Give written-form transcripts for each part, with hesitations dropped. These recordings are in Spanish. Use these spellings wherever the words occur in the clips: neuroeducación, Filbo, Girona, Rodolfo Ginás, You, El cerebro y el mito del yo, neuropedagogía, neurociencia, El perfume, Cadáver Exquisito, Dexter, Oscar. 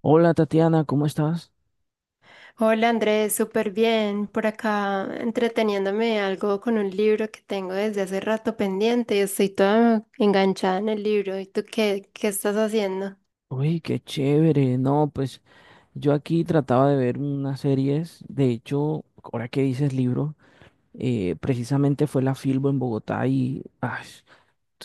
Hola Tatiana, ¿cómo estás? Hola Andrés, súper bien. Por acá entreteniéndome algo con un libro que tengo desde hace rato pendiente y estoy toda enganchada en el libro. ¿Y tú qué estás haciendo? Uy, qué chévere. No, pues yo aquí trataba de ver unas series. De hecho, ahora que dices libro, precisamente fue la Filbo en Bogotá y ay,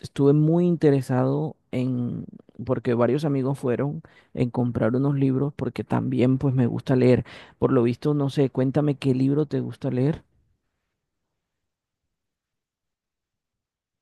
estuve muy interesado en, porque varios amigos fueron, en comprar unos libros porque también pues me gusta leer. Por lo visto, no sé, cuéntame qué libro te gusta leer,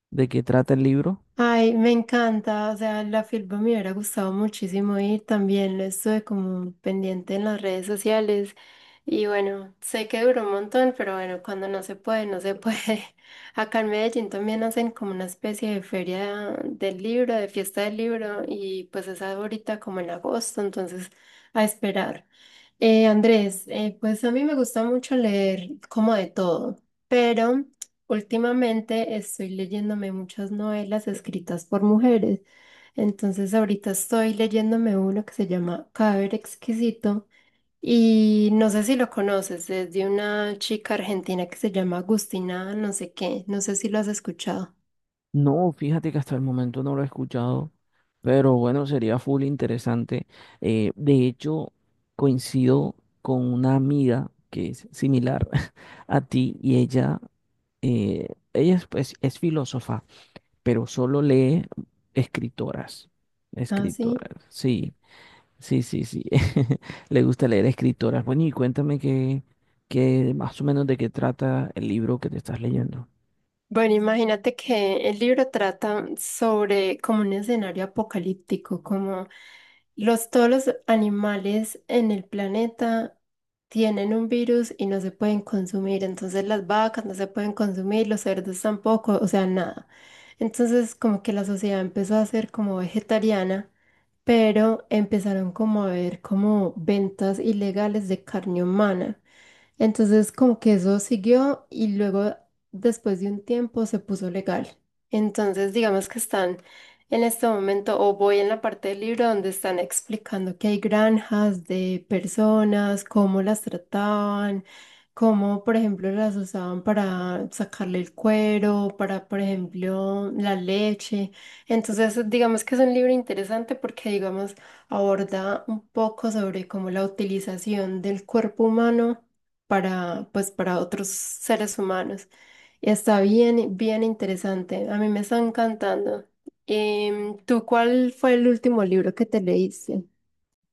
de qué trata el libro. Ay, me encanta, o sea, la filpa me hubiera gustado muchísimo ir, también lo estuve como pendiente en las redes sociales y bueno, sé que duró un montón, pero bueno, cuando no se puede, no se puede. Acá en Medellín también hacen como una especie de feria del libro, de fiesta del libro y pues es ahorita como en agosto, entonces a esperar. Andrés, pues a mí me gusta mucho leer como de todo, pero... Últimamente estoy leyéndome muchas novelas escritas por mujeres. Entonces ahorita estoy leyéndome uno que se llama Cadáver Exquisito y no sé si lo conoces, es de una chica argentina que se llama Agustina, no sé qué, no sé si lo has escuchado. No, fíjate que hasta el momento no lo he escuchado, pero bueno, sería full interesante. De hecho, coincido con una amiga que es similar a ti y ella, eh, ella es, pues, es filósofa, pero solo lee escritoras, Ah, sí. escritoras, sí, sí, sí, sí, le gusta leer escritoras. Bueno, y cuéntame qué, qué más o menos de qué trata el libro que te estás leyendo. Bueno, imagínate que el libro trata sobre como un escenario apocalíptico, como todos los animales en el planeta tienen un virus y no se pueden consumir, entonces las vacas no se pueden consumir, los cerdos tampoco, o sea, nada. Entonces como que la sociedad empezó a ser como vegetariana, pero empezaron como a ver como ventas ilegales de carne humana. Entonces, como que eso siguió y luego, después de un tiempo, se puso legal. Entonces, digamos que están en este momento, o voy en la parte del libro donde están explicando que hay granjas de personas, cómo las trataban, cómo, por ejemplo, las usaban para sacarle el cuero, para, por ejemplo, la leche. Entonces, digamos que es un libro interesante porque, digamos, aborda un poco sobre cómo la utilización del cuerpo humano para, pues, para otros seres humanos. Y está bien, bien interesante. A mí me está encantando. ¿Tú cuál fue el último libro que te leíste?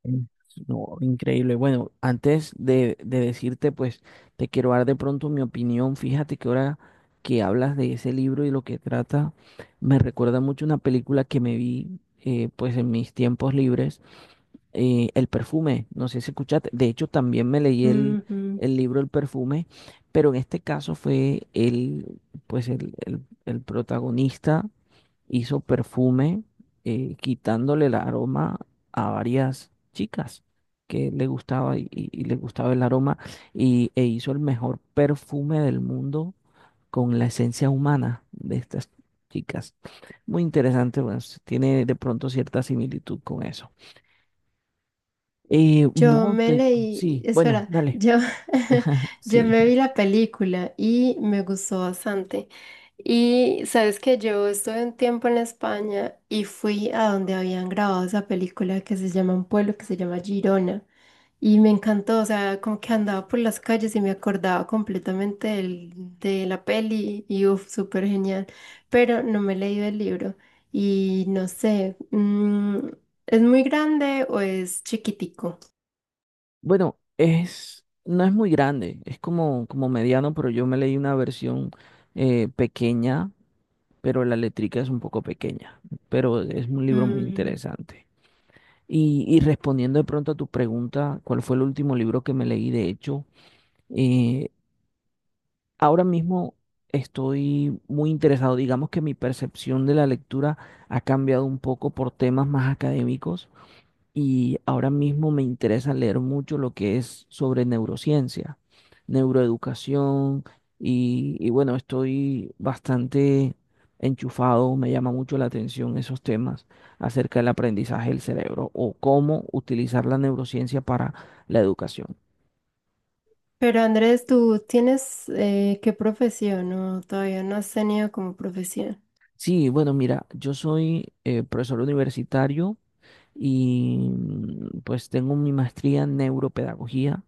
Mm. No, increíble. Bueno, antes de decirte, pues te quiero dar de pronto mi opinión. Fíjate que ahora que hablas de ese libro y lo que trata, me recuerda mucho una película que me vi, pues en mis tiempos libres, El perfume. No sé si escuchaste. De hecho, también me leí Ujú. el libro El perfume, pero en este caso fue el, pues el, el protagonista hizo perfume quitándole el aroma a varias chicas que le gustaba y, y le gustaba el aroma y, e hizo el mejor perfume del mundo con la esencia humana de estas chicas. Muy interesante, bueno, tiene de pronto cierta similitud con eso. Yo No, me te, leí, sí, bueno, espera, dale, yo, Yo sí. me vi la película y me gustó bastante. Y sabes que yo estuve un tiempo en España y fui a donde habían grabado esa película que se llama un pueblo que se llama Girona. Y me encantó, o sea, como que andaba por las calles y me acordaba completamente de la peli y uff, súper genial. Pero no me he leído el libro y no sé, mm, ¿es muy grande o es chiquitico? Bueno, es, no es muy grande, es como, como mediano, pero yo me leí una versión pequeña pero la letrica es un poco pequeña, pero es un libro muy Mm. interesante. Y respondiendo de pronto a tu pregunta, ¿cuál fue el último libro que me leí? De hecho, eh, ahora mismo estoy muy interesado, digamos que mi percepción de la lectura ha cambiado un poco por temas más académicos y ahora mismo me interesa leer mucho lo que es sobre neurociencia, neuroeducación y bueno, estoy bastante enchufado, me llama mucho la atención esos temas acerca del aprendizaje del cerebro o cómo utilizar la neurociencia para la educación. Pero Andrés, ¿tú tienes qué profesión? No, todavía no has tenido como profesión. Sí, bueno, mira, yo soy profesor universitario y pues tengo mi maestría en neuropedagogía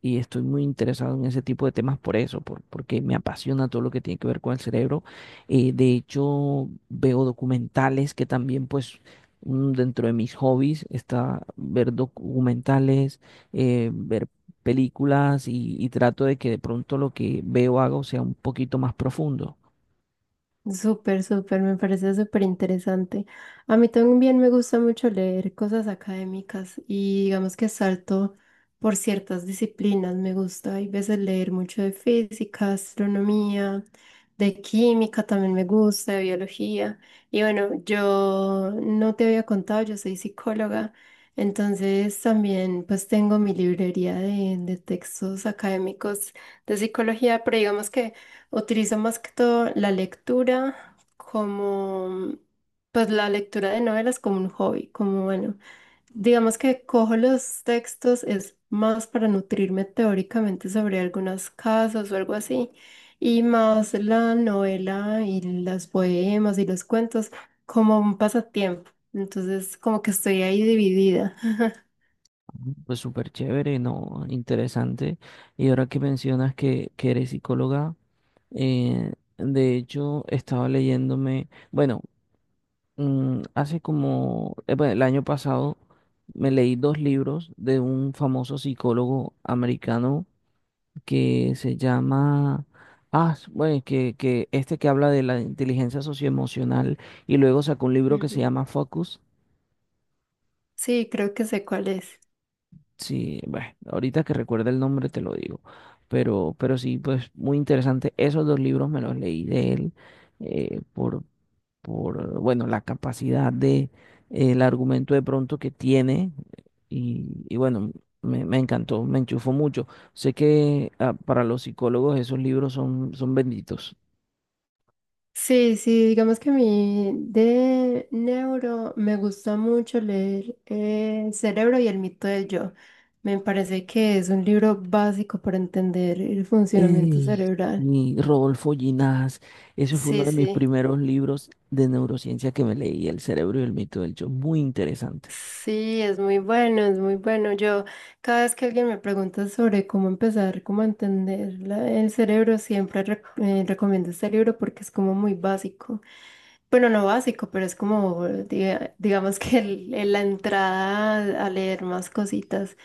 y estoy muy interesado en ese tipo de temas por eso, porque me apasiona todo lo que tiene que ver con el cerebro. De hecho, veo documentales que también, pues, dentro de mis hobbies está ver documentales, ver películas y trato de que de pronto lo que veo hago sea un poquito más profundo. Súper, súper, me parece súper interesante. A mí también me gusta mucho leer cosas académicas y digamos que salto por ciertas disciplinas. Me gusta, hay veces leer mucho de física, astronomía, de química también me gusta, de biología. Y bueno, yo no te había contado, yo soy psicóloga, entonces también pues tengo mi librería de textos académicos de psicología, pero digamos que... Utilizo más que todo la lectura como, pues la lectura de novelas como un hobby, como bueno, digamos que cojo los textos es más para nutrirme teóricamente sobre algunas casas o algo así, y más la novela y los poemas y los cuentos como un pasatiempo. Entonces, como que estoy ahí dividida. Pues súper chévere, ¿no? Interesante. Y ahora que mencionas que eres psicóloga, de hecho, estaba leyéndome... Bueno, hace como, bueno, el año pasado me leí dos libros de un famoso psicólogo americano que se llama, ah, bueno, que este que habla de la inteligencia socioemocional y luego sacó un libro que se Ujú. llama Focus. Sí, creo que sé cuál es. Sí, bueno, ahorita que recuerda el nombre te lo digo, pero sí, pues muy interesante. Esos dos libros me los leí de él eh, por, por, bueno, la capacidad de, el argumento de pronto que tiene y bueno, me encantó, me enchufó mucho. Sé que ah, para los psicólogos esos libros son, son benditos. Sí, sí, digamos que a mí de neuro me gusta mucho leer El cerebro y el mito del yo. Me parece que es un libro básico para entender el funcionamiento Ey, cerebral. y Rodolfo Ginás, ese fue uno Sí, de mis sí. primeros libros de neurociencia que me leí, El cerebro y el mito del yo, muy interesante. Sí, es muy bueno, es muy bueno. Yo, cada vez que alguien me pregunta sobre cómo empezar, cómo entender el cerebro, siempre recomiendo este libro porque es como muy básico. Bueno, no básico, pero es como, digamos que la entrada a leer más cositas.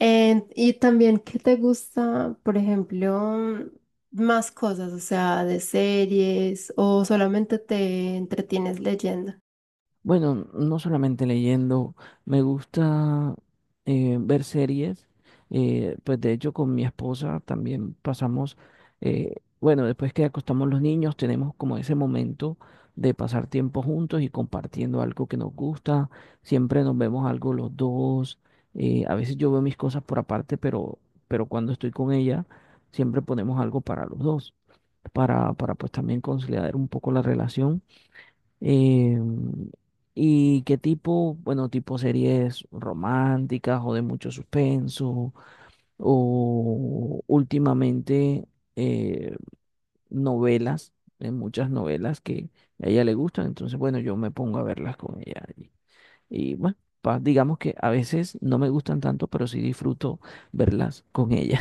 Y también, ¿qué te gusta, por ejemplo, más cosas, o sea, de series o solamente te entretienes leyendo? Bueno, no solamente leyendo, me gusta ver series. Pues de hecho con mi esposa también pasamos, bueno, después que acostamos los niños, tenemos como ese momento de pasar tiempo juntos y compartiendo algo que nos gusta. Siempre nos vemos algo los dos. A veces yo veo mis cosas por aparte, pero cuando estoy con ella, siempre ponemos algo para los dos, para pues también conciliar un poco la relación. Eh, ¿Y qué tipo, bueno, tipo series románticas o de mucho suspenso o últimamente eh, novelas, hay muchas novelas que a ella le gustan, entonces bueno, yo me pongo a verlas con ella y, bueno, digamos que a veces no me gustan tanto, pero sí disfruto verlas con ella.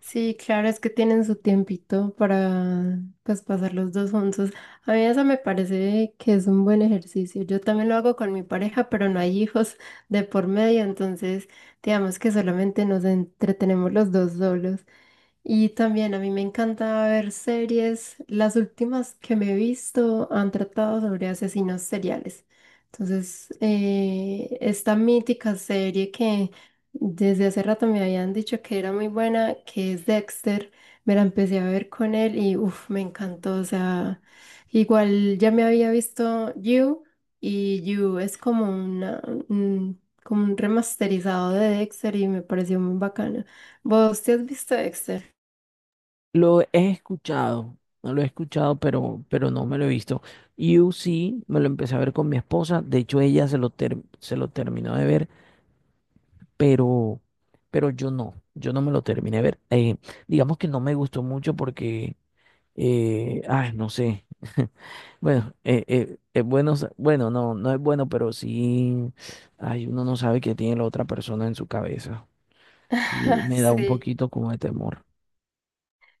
Sí, claro, es que tienen su tiempito para pues pasar los dos juntos. A mí eso me parece que es un buen ejercicio. Yo también lo hago con mi pareja, pero no hay hijos de por medio, entonces digamos que solamente nos entretenemos los dos solos. Y también a mí me encanta ver series. Las últimas que me he visto han tratado sobre asesinos seriales. Entonces, esta mítica serie que desde hace rato me habían dicho que era muy buena, que es Dexter, me la empecé a ver con él y uff, me encantó. O sea, igual ya me había visto You y You es como una, como un remasterizado de Dexter y me pareció muy bacana. ¿Vos te has visto Dexter? Lo he escuchado, no lo he escuchado, pero no me lo he visto. You sí me lo empecé a ver con mi esposa, de hecho ella se lo, se lo terminó de ver, pero, pero yo no, yo no me lo terminé de ver. Digamos que no me gustó mucho porque, ay, no sé, bueno, es bueno, bueno, no, no es bueno, pero sí, ay, uno no sabe qué tiene la otra persona en su cabeza. Y me da un Sí, poquito como de temor.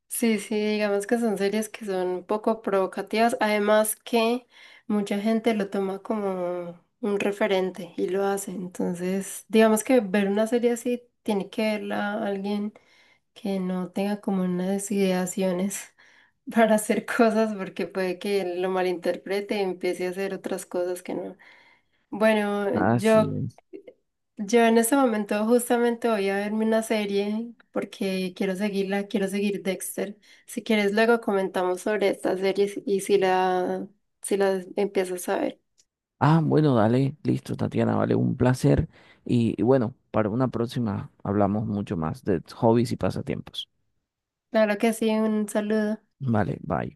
sí, sí, digamos que son series que son un poco provocativas, además que mucha gente lo toma como un referente y lo hace, entonces digamos que ver una serie así tiene que verla alguien que no tenga como unas ideaciones para hacer cosas porque puede que lo malinterprete y empiece a hacer otras cosas que no. Bueno, Así yo es. Yo en este momento justamente voy a verme una serie porque quiero seguirla, quiero seguir Dexter. Si quieres, luego comentamos sobre estas series si las empiezas a ver. Ah, bueno, dale, listo, Tatiana, vale, un placer. Y bueno, para una próxima hablamos mucho más de hobbies y pasatiempos. Claro que sí, un saludo. Vale, bye.